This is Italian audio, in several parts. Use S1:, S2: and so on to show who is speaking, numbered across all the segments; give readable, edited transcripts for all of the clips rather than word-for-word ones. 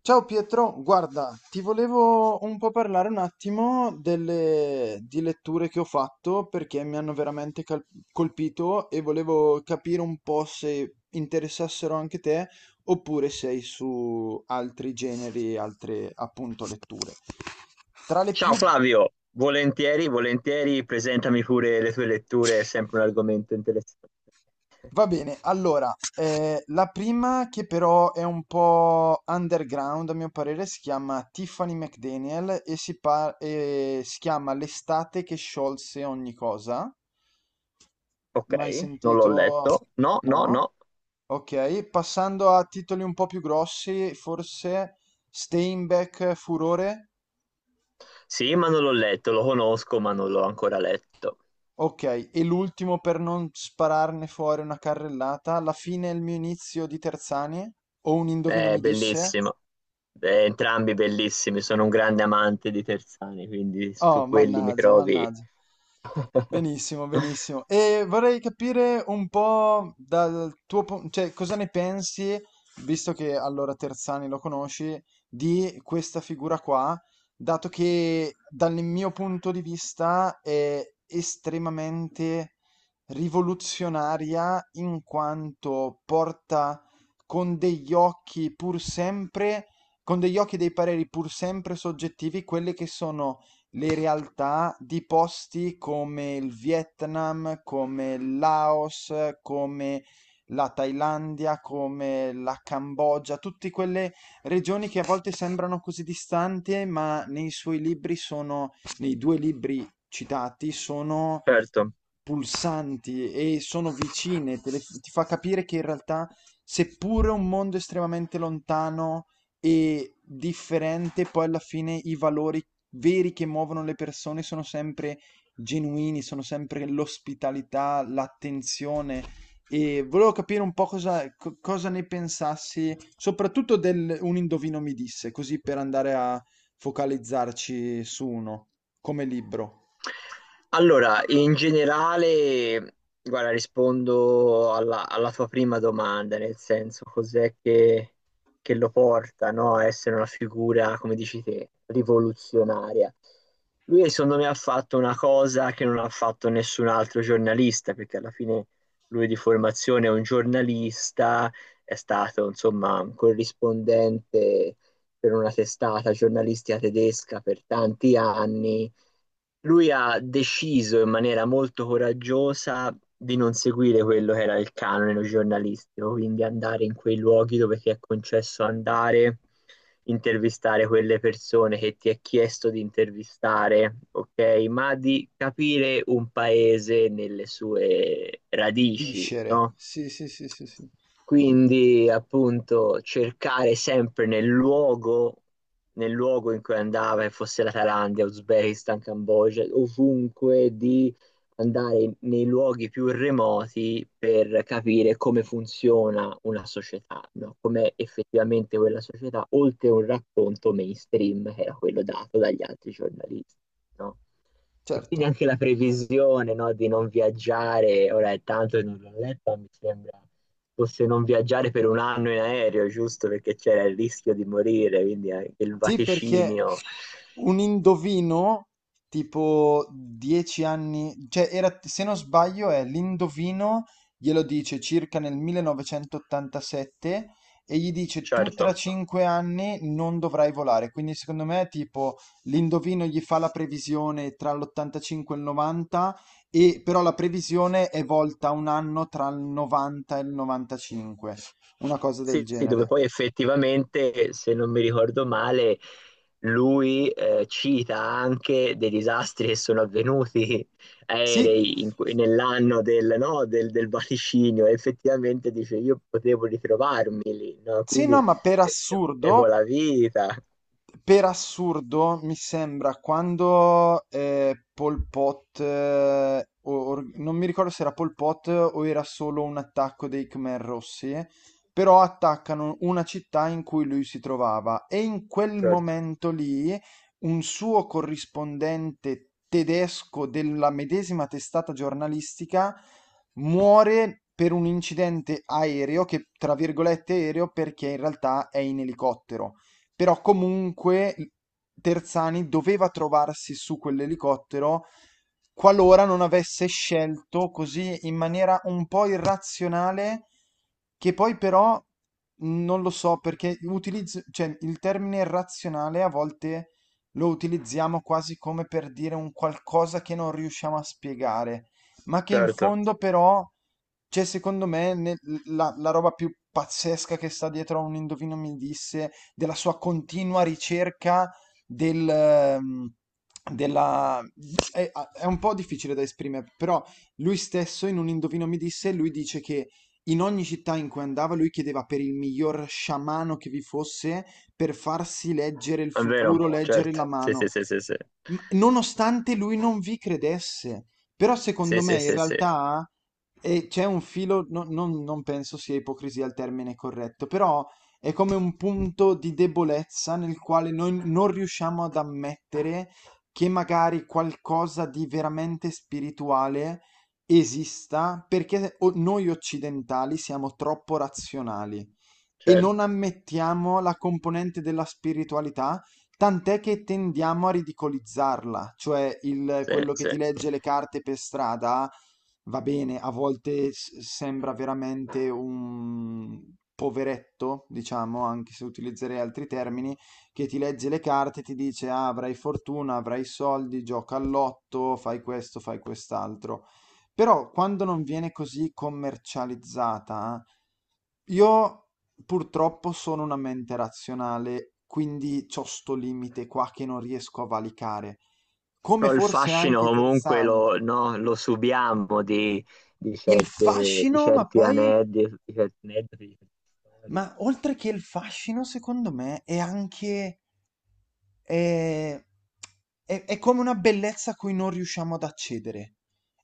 S1: Ciao Pietro, guarda, ti volevo un po' parlare un attimo di letture che ho fatto perché mi hanno veramente colpito e volevo capire un po' se interessassero anche te oppure sei su altri generi, altre appunto letture. Tra le più.
S2: Ciao Flavio, volentieri, volentieri, presentami pure le tue letture, è sempre un argomento interessante.
S1: Va bene, allora, la prima che però è un po' underground a mio parere si chiama Tiffany McDaniel e si chiama L'estate che sciolse ogni cosa.
S2: Ok,
S1: Mai
S2: non l'ho
S1: sentito?
S2: letto. No,
S1: No?
S2: no, no.
S1: Ok, passando a titoli un po' più grossi, forse Steinbeck Furore?
S2: Sì, ma non l'ho letto, lo conosco, ma non l'ho ancora letto.
S1: Ok, e l'ultimo per non spararne fuori una carrellata, la fine è il mio inizio di Terzanie? O un indovino
S2: È
S1: mi disse?
S2: bellissimo. Entrambi bellissimi, sono un grande amante di Terzani, quindi
S1: Oh,
S2: su quelli mi
S1: mannaggia,
S2: trovi.
S1: mannaggia. Benissimo, benissimo. E vorrei capire un po' dal tuo punto, cioè cosa ne pensi, visto che allora Terzani lo conosci, di questa figura qua, dato che dal mio punto di vista è estremamente rivoluzionaria in quanto porta con degli occhi pur sempre, con degli occhi e dei pareri pur sempre soggettivi, quelle che sono le realtà di posti come il Vietnam, come il Laos, come la Thailandia, come la Cambogia, tutte quelle regioni che a volte sembrano così distanti, ma nei suoi libri sono, nei due libri citati, sono
S2: Certo.
S1: pulsanti e sono vicine, ti fa capire che in realtà, seppure un mondo estremamente lontano e differente, poi alla fine i valori veri che muovono le persone sono sempre genuini, sono sempre l'ospitalità, l'attenzione. E volevo capire un po' cosa, cosa ne pensassi, soprattutto del Un indovino mi disse, così per andare a focalizzarci su uno, come libro.
S2: Allora, in generale, guarda, rispondo alla tua prima domanda, nel senso cos'è che lo porta, no, a essere una figura, come dici te, rivoluzionaria. Lui, secondo me, ha fatto una cosa che non ha fatto nessun altro giornalista, perché alla fine lui di formazione è un giornalista, è stato, insomma, un corrispondente per una testata giornalistica tedesca per tanti anni. Lui ha deciso in maniera molto coraggiosa di non seguire quello che era il canone giornalistico, quindi andare in quei luoghi dove ti è concesso andare, intervistare quelle persone che ti è chiesto di intervistare, ok? Ma di capire un paese nelle sue radici,
S1: Viscere,
S2: no?
S1: sì, sì, sì, sì, sì.
S2: Quindi, appunto, cercare sempre nel luogo in cui andava, che fosse la Thailandia, Uzbekistan, Cambogia, ovunque, di andare nei luoghi più remoti per capire come funziona una società, no? Com'è effettivamente quella società, oltre a un racconto mainstream che era quello dato dagli altri giornalisti, no? E
S1: Certo.
S2: quindi anche la previsione, no, di non viaggiare, ora è tanto che non l'ho letto, ma mi sembra fosse non viaggiare per un anno in aereo, giusto? Perché c'era il rischio di morire, quindi anche il
S1: Sì, perché
S2: vaticinio.
S1: un indovino tipo 10 anni, cioè era, se non sbaglio è l'indovino, glielo dice circa nel 1987 e gli dice tu tra, certo,
S2: Certo.
S1: 5 anni non dovrai volare. Quindi secondo me tipo l'indovino gli fa la previsione tra l'85 e il 90 e però la previsione è volta un anno tra il 90 e il 95, una cosa del
S2: Sì, dove
S1: genere.
S2: poi effettivamente, se non mi ricordo male, lui cita anche dei disastri che sono avvenuti
S1: Sì,
S2: aerei nell'anno del, no, del, del vaticinio. E effettivamente dice, io potevo ritrovarmi lì, no?
S1: sì, no,
S2: Quindi
S1: ma per
S2: eh, avevo
S1: assurdo,
S2: la vita.
S1: per assurdo, mi sembra quando Pol Pot, non mi ricordo se era Pol Pot o era solo un attacco dei Khmer Rossi, però attaccano una città in cui lui si trovava e in quel
S2: Certo,
S1: momento lì un suo corrispondente tedesco della medesima testata giornalistica muore per un incidente aereo, che tra virgolette aereo perché in realtà è in elicottero, però comunque Terzani doveva trovarsi su quell'elicottero qualora non avesse scelto così in maniera un po' irrazionale, che poi però non lo so perché utilizzo, cioè, il termine razionale a volte lo utilizziamo quasi come per dire un qualcosa che non riusciamo a spiegare, ma che in
S2: certo,
S1: fondo però c'è secondo me la, la roba più pazzesca che sta dietro a un indovino mi disse della sua continua ricerca del... ehm, della... È, è un po' difficile da esprimere, però lui stesso in un Indovino mi disse, lui dice che in ogni città in cui andava lui chiedeva per il miglior sciamano che vi fosse per farsi leggere il
S2: è vero,
S1: futuro, leggere
S2: certo.
S1: la
S2: Sì,
S1: mano.
S2: sì, sì, sì, sì.
S1: Nonostante lui non vi credesse. Però
S2: Sì,
S1: secondo me
S2: sì,
S1: in
S2: sì, sì,
S1: realtà c'è un filo, non penso sia ipocrisia il termine corretto, però è come un punto di debolezza nel quale noi non riusciamo ad ammettere che magari qualcosa di veramente spirituale esista perché noi occidentali siamo troppo razionali e non
S2: certo.
S1: ammettiamo la componente della spiritualità, tant'è che tendiamo a ridicolizzarla, cioè
S2: Sì,
S1: quello che
S2: sì.
S1: ti legge le carte per strada, va bene, a volte sembra veramente un poveretto, diciamo, anche se utilizzerei altri termini, che ti legge le carte e ti dice "Ah, avrai fortuna, avrai soldi, gioca all'otto, fai questo, fai quest'altro". Però quando non viene così commercializzata, io purtroppo sono una mente razionale, quindi c'ho sto limite qua che non riesco a valicare. Come
S2: Però il
S1: forse
S2: fascino
S1: anche
S2: comunque
S1: Terzani.
S2: lo, no, lo subiamo di
S1: Il
S2: certe,
S1: fascino, ma poi,
S2: di certi aneddoti, di certe storie.
S1: ma oltre che il fascino, secondo me, è anche, eh, è come una bellezza a cui non riusciamo ad accedere.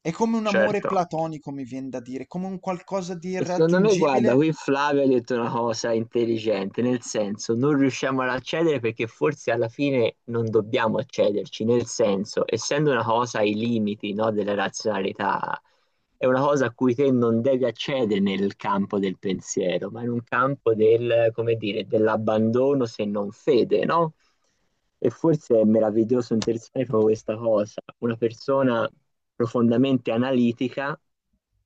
S1: È come un amore
S2: Certo.
S1: platonico, mi viene da dire, come un qualcosa di
S2: Secondo me, guarda,
S1: irraggiungibile.
S2: qui Flavio ha detto una cosa intelligente, nel senso non riusciamo ad accedere perché forse alla fine non dobbiamo accederci, nel senso, essendo una cosa ai limiti, no, della razionalità, è una cosa a cui te non devi accedere nel campo del pensiero, ma in un campo del, come dire, dell'abbandono se non fede, no? E forse è meraviglioso e interessante proprio questa cosa, una persona profondamente analitica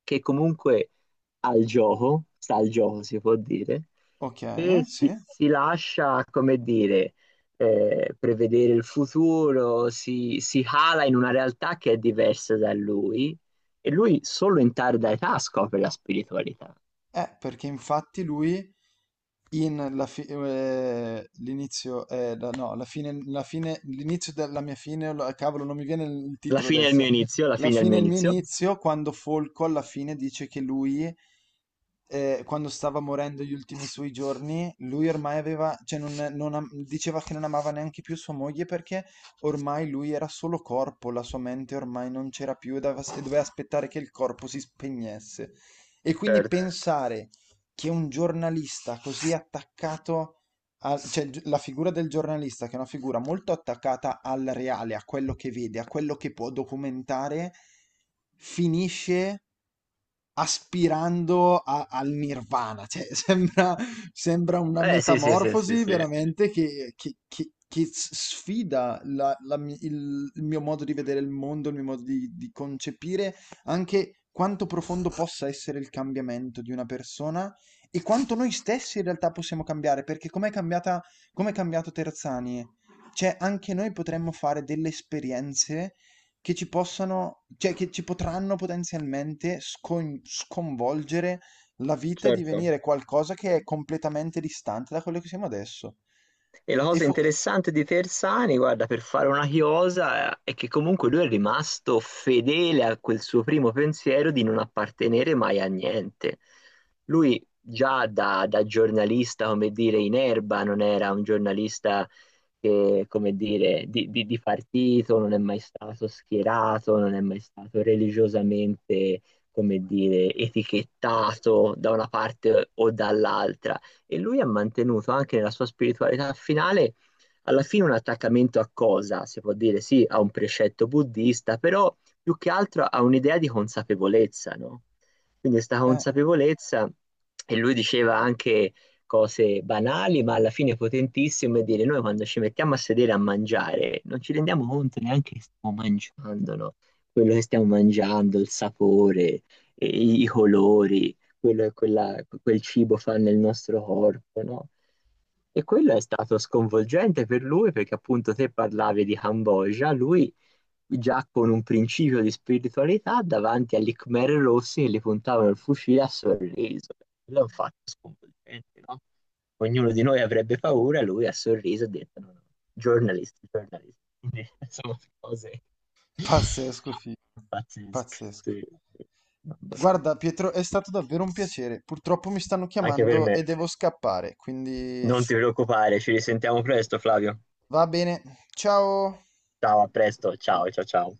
S2: che comunque al gioco, sta al gioco si può dire,
S1: Ok,
S2: e
S1: sì.
S2: si lascia, come dire, prevedere il futuro, si cala in una realtà che è diversa da lui e lui solo in tarda età scopre la spiritualità.
S1: Perché infatti lui l'inizio, no, la fine, l'inizio della mia fine, cavolo, non mi viene il
S2: La
S1: titolo
S2: fine è il mio
S1: adesso.
S2: inizio, la
S1: La
S2: fine è il
S1: fine
S2: mio
S1: è il mio
S2: inizio.
S1: inizio, quando Folco alla fine dice che lui, quando stava morendo gli ultimi suoi giorni, lui ormai aveva, cioè non, non am- diceva che non amava neanche più sua moglie perché ormai lui era solo corpo, la sua mente ormai non c'era più doveva aspettare che il corpo si spegnesse. E quindi
S2: Certo.
S1: pensare che un giornalista così attaccato cioè la figura del giornalista che è una figura molto attaccata al reale, a quello che vede, a quello che può documentare, finisce aspirando al nirvana, cioè sembra una
S2: Eh sì, sì, sì, sì,
S1: metamorfosi
S2: sì.
S1: veramente che, sfida il mio modo di vedere il mondo, il mio modo di concepire anche quanto profondo possa essere il cambiamento di una persona e quanto noi stessi in realtà possiamo cambiare, perché com'è cambiato Terzani? Cioè, anche noi potremmo fare delle esperienze che ci possano cioè che ci potranno potenzialmente sconvolgere la vita e
S2: Certo.
S1: divenire qualcosa che è completamente distante da quello che siamo adesso.
S2: E la
S1: E
S2: cosa
S1: fo-
S2: interessante di Tersani, guarda, per fare una chiosa, è che comunque lui è rimasto fedele a quel suo primo pensiero di non appartenere mai a niente. Lui già da giornalista, come dire, in erba, non era un giornalista che, come dire, di partito, non è mai stato schierato, non è mai stato religiosamente, come dire, etichettato da una parte o dall'altra e lui ha mantenuto anche nella sua spiritualità finale alla fine un attaccamento a cosa? Si può dire sì, a un precetto buddista, però più che altro a un'idea di consapevolezza, no? Quindi questa
S1: eh,
S2: consapevolezza, e lui diceva anche cose banali, ma alla fine potentissime, dire noi quando ci mettiamo a sedere a mangiare non ci rendiamo conto neanche che stiamo mangiando, no? Quello che stiamo mangiando, il sapore, e i colori, quello, quella, quel cibo fa nel nostro corpo, no? E quello è stato sconvolgente per lui perché appunto te parlavi di Cambogia, lui già con un principio di spiritualità davanti agli Khmer rossi che gli puntavano il fucile a sorriso. Quello è un fatto sconvolgente, no? Ognuno di noi avrebbe paura, lui ha sorriso e ha detto no, no, giornalisti, giornalisti. Quindi, insomma, cose
S1: pazzesco, figlio,
S2: pazzesche.
S1: pazzesco.
S2: Sì, sì. Mamma mia.
S1: Guarda, Pietro, è stato davvero un piacere. Purtroppo mi stanno
S2: Anche per
S1: chiamando e
S2: me.
S1: devo scappare, quindi
S2: Non ti preoccupare, ci risentiamo presto, Flavio.
S1: va bene. Ciao!
S2: Ciao, a presto. Ciao, ciao, ciao.